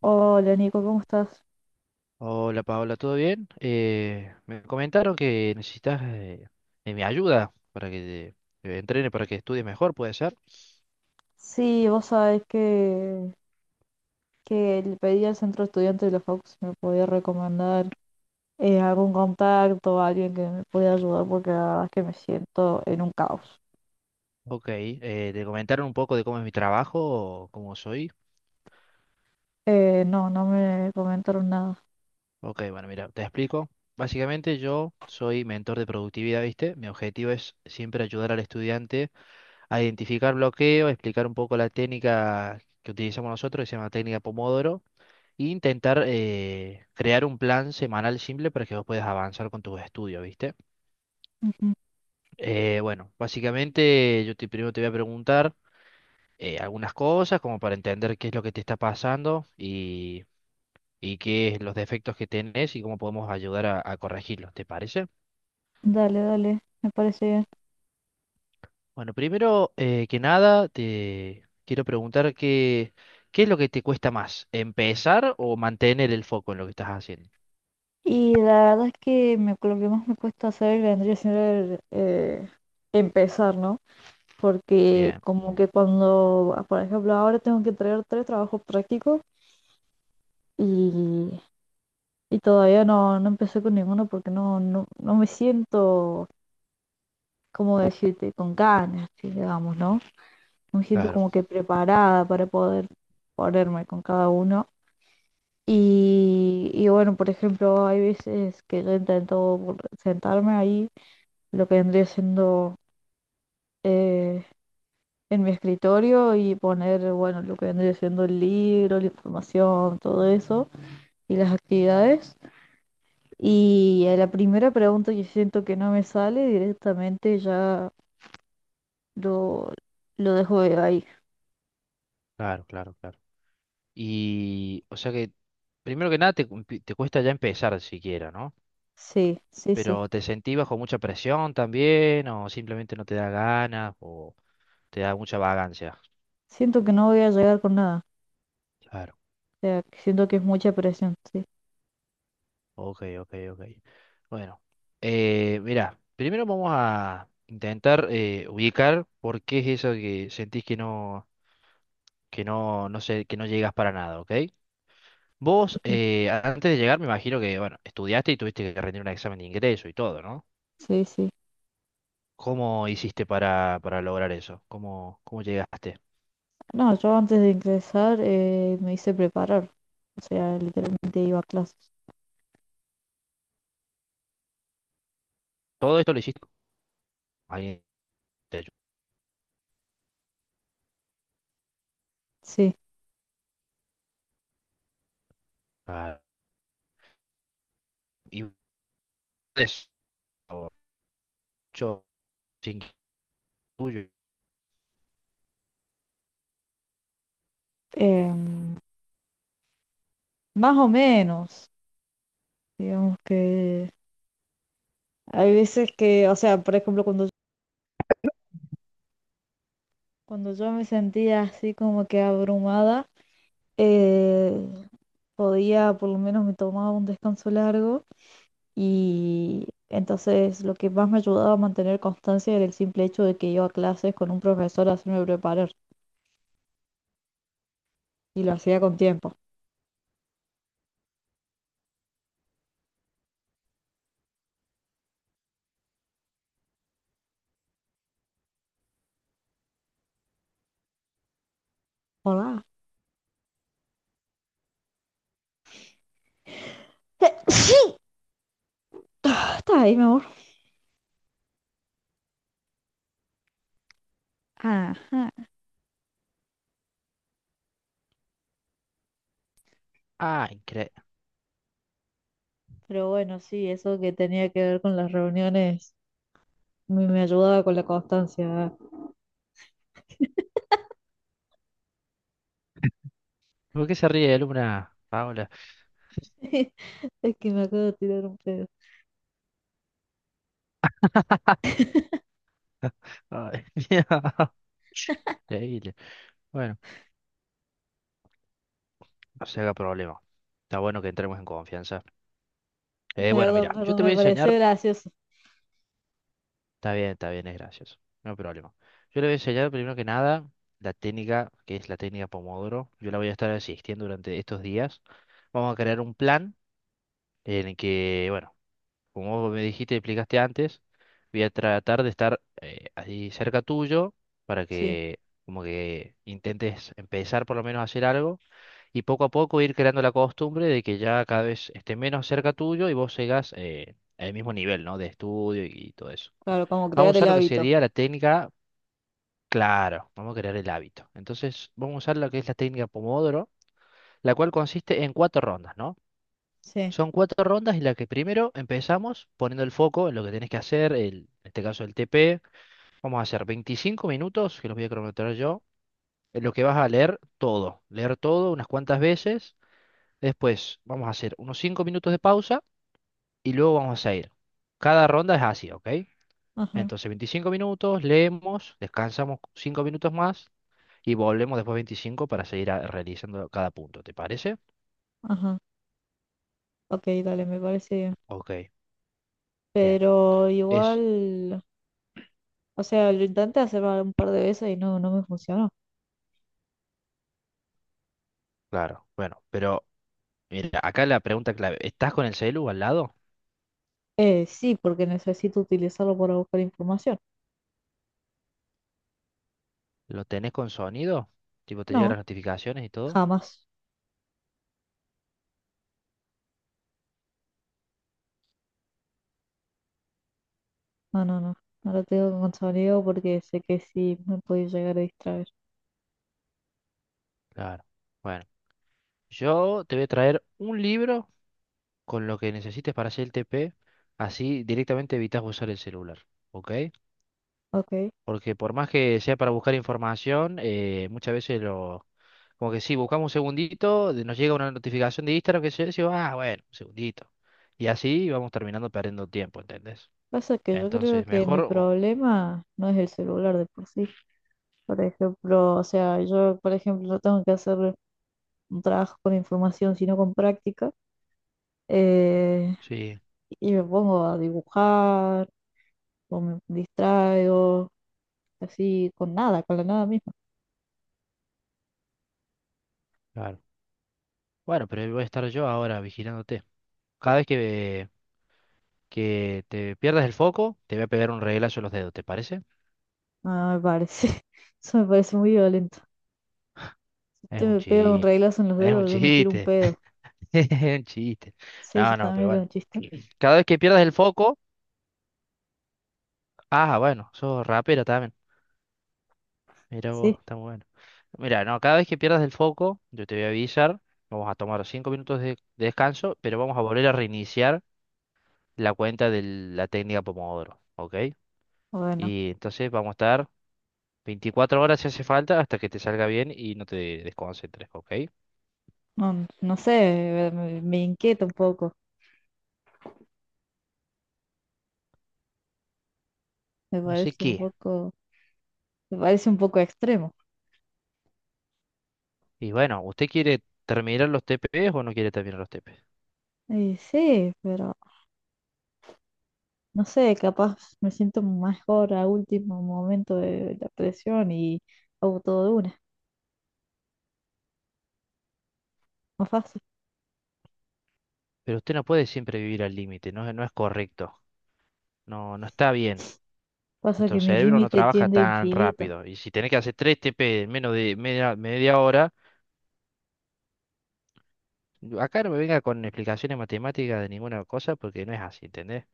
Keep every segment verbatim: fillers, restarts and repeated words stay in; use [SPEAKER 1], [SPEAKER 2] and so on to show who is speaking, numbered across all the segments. [SPEAKER 1] Hola Nico, ¿cómo estás?
[SPEAKER 2] Hola Paola, ¿todo bien? Eh, me comentaron que necesitas eh, de mi ayuda para que te, te entrene, para que estudies mejor, ¿puede ser?
[SPEAKER 1] Sí, vos sabés que, que le pedí al centro estudiante de la facu si me podía recomendar, eh, algún contacto, alguien que me pudiera ayudar porque la verdad es que me siento en un caos.
[SPEAKER 2] Ok, eh, ¿te comentaron un poco de cómo es mi trabajo o cómo soy?
[SPEAKER 1] Eh, no, no me comentaron nada.
[SPEAKER 2] Ok, bueno, mira, te explico. Básicamente yo soy mentor de productividad, ¿viste? Mi objetivo es siempre ayudar al estudiante a identificar bloqueos, explicar un poco la técnica que utilizamos nosotros, que se llama técnica Pomodoro, e intentar eh, crear un plan semanal simple para que vos puedas avanzar con tus estudios, ¿viste?
[SPEAKER 1] Ujú.
[SPEAKER 2] Eh, bueno, básicamente yo te, primero te voy a preguntar eh, algunas cosas como para entender qué es lo que te está pasando y, y qué es los defectos que tenés y cómo podemos ayudar a, a corregirlos, ¿te parece?
[SPEAKER 1] Dale, dale, me parece bien.
[SPEAKER 2] Bueno, primero eh, que nada te quiero preguntar qué, qué es lo que te cuesta más, empezar o mantener el foco en lo que estás haciendo.
[SPEAKER 1] Y la verdad es que me- lo que más me cuesta hacer vendría siendo el, eh, empezar, ¿no? Porque
[SPEAKER 2] Bien,
[SPEAKER 1] como que cuando, ah, por ejemplo, ahora tengo que traer tres trabajos prácticos. Y y todavía no, no empecé con ninguno porque no, no, no me siento, como decirte, con ganas, sí, digamos, ¿no? No me siento
[SPEAKER 2] claro,
[SPEAKER 1] como que preparada para poder ponerme con cada uno. Y, y bueno, por ejemplo, hay veces que yo intento vol- sentarme ahí, lo que vendría siendo eh, en mi escritorio y poner, bueno, lo que vendría siendo el libro, la información, todo eso y las actividades. Y a la primera pregunta que siento que no me sale, directamente ya lo, lo dejo de ahí.
[SPEAKER 2] claro, claro, claro. Y o sea que primero que nada te, cu- te cuesta ya empezar siquiera, ¿no?
[SPEAKER 1] Sí, sí, sí.
[SPEAKER 2] Pero ¿te sentís bajo mucha presión también o simplemente no te da ganas o te da mucha vagancia?
[SPEAKER 1] Siento que no voy a llegar con nada.
[SPEAKER 2] Claro,
[SPEAKER 1] O sea, que siento que es mucha presión. Sí,
[SPEAKER 2] ok, ok, ok. Bueno, eh, mira, primero vamos a intentar eh, ubicar por qué es eso que sentís que no, que no, no sé, que no llegas para nada, ¿ok? Vos,
[SPEAKER 1] ujú.
[SPEAKER 2] eh, antes de llegar, me imagino que, bueno, estudiaste y tuviste que rendir un examen de ingreso y todo, ¿no?
[SPEAKER 1] Sí. Sí.
[SPEAKER 2] ¿Cómo hiciste para, para lograr eso? ¿Cómo, cómo llegaste?
[SPEAKER 1] No, yo antes de ingresar, eh, me hice preparar. O sea, literalmente iba a clases.
[SPEAKER 2] Todo esto lo hiciste. ¿Alguien te
[SPEAKER 1] Sí.
[SPEAKER 2] ayudó? Y eso, yo sin tuyo.
[SPEAKER 1] Em, más o menos. Digamos que hay veces que, o sea, por ejemplo, cuando, cuando yo me sentía así como que abrumada. eh, podía, por lo menos me tomaba un descanso largo y entonces lo que más me ayudaba a mantener constancia era el simple hecho de que iba a clases con un profesor a hacerme preparar y lo hacía con tiempo. Hola. Sí. Ah, está ahí, mi amor. Ajá.
[SPEAKER 2] Ah, increíble.
[SPEAKER 1] Pero bueno, sí, eso que tenía que ver con las reuniones me, me ayudaba con la constancia.
[SPEAKER 2] ¿Por qué se ríe Luna, Paola?
[SPEAKER 1] Es que me acabo de tirar un pedo.
[SPEAKER 2] Ay, increíble. Bueno, no se haga problema. Está bueno que entremos en confianza. Eh, bueno,
[SPEAKER 1] Perdón,
[SPEAKER 2] mira, yo
[SPEAKER 1] perdón,
[SPEAKER 2] te voy
[SPEAKER 1] me
[SPEAKER 2] a
[SPEAKER 1] pareció
[SPEAKER 2] enseñar.
[SPEAKER 1] gracioso.
[SPEAKER 2] Está bien, está bien, es gracioso. No hay problema. Yo le voy a enseñar primero que nada la técnica, que es la técnica Pomodoro. Yo la voy a estar asistiendo durante estos días. Vamos a crear un plan en el que, bueno, como vos me dijiste y explicaste antes, voy a tratar de estar eh, ahí cerca tuyo para
[SPEAKER 1] Sí,
[SPEAKER 2] que como que intentes empezar por lo menos a hacer algo y poco a poco ir creando la costumbre de que ya cada vez esté menos cerca tuyo y vos sigas eh, al mismo nivel, ¿no? De estudio y todo eso.
[SPEAKER 1] claro, como
[SPEAKER 2] Vamos a
[SPEAKER 1] crear el
[SPEAKER 2] usar lo que
[SPEAKER 1] hábito.
[SPEAKER 2] sería la técnica, claro, vamos a crear el hábito. Entonces, vamos a usar lo que es la técnica Pomodoro, la cual consiste en cuatro rondas, ¿no?
[SPEAKER 1] Sí.
[SPEAKER 2] Son cuatro rondas en las que primero empezamos poniendo el foco en lo que tenés que hacer, el- en este caso el T P. Vamos a hacer veinticinco minutos, que los voy a cronometrar yo, en lo que vas a leer todo. Leer todo unas cuantas veces. Después vamos a hacer unos cinco minutos de pausa y luego vamos a ir. Cada ronda es así, ¿ok?
[SPEAKER 1] Ajá.
[SPEAKER 2] Entonces veinticinco minutos, leemos, descansamos cinco minutos más y volvemos después veinticinco para seguir a- realizando cada punto. ¿Te parece?
[SPEAKER 1] Ajá, ok, dale, me parece bien.
[SPEAKER 2] Ok, bien.
[SPEAKER 1] Pero
[SPEAKER 2] Es
[SPEAKER 1] igual, o sea, lo intenté hacer un par de veces y no, no me funcionó.
[SPEAKER 2] claro. Bueno, pero... Mira, acá la pregunta clave. ¿Estás con el celu al lado?
[SPEAKER 1] Eh, sí, porque necesito utilizarlo para buscar información.
[SPEAKER 2] ¿Lo tenés con sonido? Tipo, te llegan
[SPEAKER 1] No,
[SPEAKER 2] las notificaciones y todo.
[SPEAKER 1] jamás. No, no, no. No lo tengo con sonido porque sé que sí me puede llegar a distraer.
[SPEAKER 2] Claro. Bueno, yo te voy a traer un libro con lo que necesites para hacer el T P. Así directamente evitas usar el celular. ¿Ok?
[SPEAKER 1] Ok.
[SPEAKER 2] Porque por más que sea para buscar información, eh, muchas veces lo... Como que sí, buscamos un segundito, de- nos llega una notificación de Instagram que se dice, ah, bueno, un segundito. Y así vamos terminando perdiendo tiempo, ¿entendés?
[SPEAKER 1] Pasa que yo creo
[SPEAKER 2] Entonces,
[SPEAKER 1] que mi
[SPEAKER 2] mejor... o-
[SPEAKER 1] problema no es el celular de por sí. Por ejemplo, o sea, yo, por ejemplo, no tengo que hacer un trabajo con información, sino con práctica. Eh,
[SPEAKER 2] sí.
[SPEAKER 1] y me pongo a dibujar o me distraigo, así con nada, con la nada misma.
[SPEAKER 2] Claro. Bueno, pero ahí voy a estar yo ahora vigilándote. Cada vez que, que te pierdas el foco, te voy a pegar un reglazo en los dedos, ¿te parece?
[SPEAKER 1] Ah, me parece, eso me parece muy violento. Si
[SPEAKER 2] Es
[SPEAKER 1] usted
[SPEAKER 2] un
[SPEAKER 1] me pega un
[SPEAKER 2] chiste.
[SPEAKER 1] reglazo en los
[SPEAKER 2] Es un
[SPEAKER 1] dedos, yo me tiro un
[SPEAKER 2] chiste.
[SPEAKER 1] pedo.
[SPEAKER 2] Es un chiste.
[SPEAKER 1] Sí, yo
[SPEAKER 2] No, no, pero
[SPEAKER 1] también era
[SPEAKER 2] bueno.
[SPEAKER 1] un chiste.
[SPEAKER 2] Cada vez que pierdas el foco. Ah, bueno, sos rapera también. Mira vos,
[SPEAKER 1] Sí,
[SPEAKER 2] está muy bueno. Mira, no, cada vez que pierdas el foco, yo te voy a avisar. Vamos a tomar cinco minutos de, de descanso, pero vamos a volver a reiniciar la cuenta de la técnica Pomodoro, ¿ok?
[SPEAKER 1] bueno,
[SPEAKER 2] Y entonces vamos a estar veinticuatro horas si hace falta hasta que te salga bien y no te desconcentres, ¿ok?
[SPEAKER 1] no, no sé, me, me inquieta un poco, me
[SPEAKER 2] No sé
[SPEAKER 1] parece
[SPEAKER 2] qué.
[SPEAKER 1] un poco, me parece un poco extremo.
[SPEAKER 2] Y bueno, ¿usted quiere terminar los T Ps o no quiere terminar los T Ps?
[SPEAKER 1] Y sí, pero no sé, capaz me siento mejor a último momento de la presión y hago todo de una, más fácil.
[SPEAKER 2] Pero usted no puede siempre vivir al límite, no, es- no es correcto. No, no está bien.
[SPEAKER 1] Pasa
[SPEAKER 2] Nuestro
[SPEAKER 1] que mi
[SPEAKER 2] cerebro no
[SPEAKER 1] límite
[SPEAKER 2] trabaja
[SPEAKER 1] tiende a
[SPEAKER 2] tan
[SPEAKER 1] infinito.
[SPEAKER 2] rápido. Y si tenés que hacer tres T P en menos de media, media hora, acá no me venga con explicaciones matemáticas de ninguna cosa porque no es así, ¿entendés?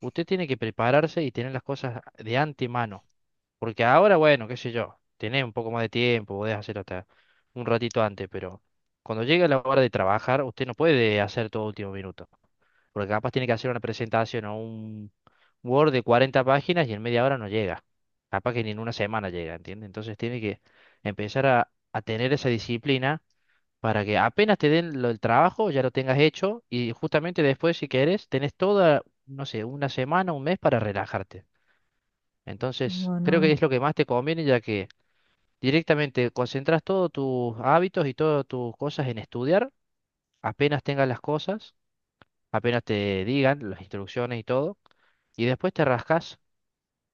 [SPEAKER 2] Usted tiene que prepararse y tener las cosas de antemano. Porque ahora, bueno, qué sé yo, tenés un poco más de tiempo, podés hacerlo hasta un ratito antes, pero cuando llegue la hora de trabajar, usted no puede hacer todo último minuto. Porque capaz tiene que hacer una presentación o un Word de cuarenta páginas y en media hora no llega. Capaz que ni en una semana llega, ¿entiendes? Entonces tiene que empezar a, a tener esa disciplina para que apenas te den lo, el trabajo, ya lo tengas hecho y justamente después, si querés, tenés toda, no sé, una semana, un mes para relajarte. Entonces, creo que
[SPEAKER 1] Bueno,
[SPEAKER 2] es lo que más te conviene, ya que directamente concentras todos tus hábitos y todas tus cosas en estudiar, apenas tengas las cosas, apenas te digan las instrucciones y todo, y después te rascas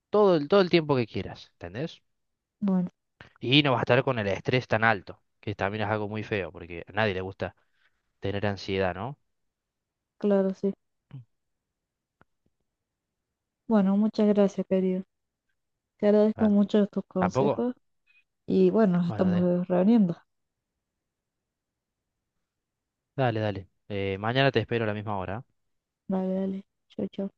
[SPEAKER 2] todo el, todo el tiempo que quieras, ¿entendés?
[SPEAKER 1] bueno,
[SPEAKER 2] Y no vas a estar con el estrés tan alto, que también es algo muy feo, porque a nadie le gusta tener ansiedad, ¿no?
[SPEAKER 1] claro, sí. Bueno, muchas gracias, querido. Te agradezco
[SPEAKER 2] Claro.
[SPEAKER 1] mucho tus
[SPEAKER 2] ¿Tampoco?
[SPEAKER 1] consejos y bueno, nos
[SPEAKER 2] Bueno, de-
[SPEAKER 1] estamos reuniendo.
[SPEAKER 2] dale, dale. Eh, mañana te espero a la misma hora. ¿Ah?
[SPEAKER 1] Vale, dale. Chau, chau.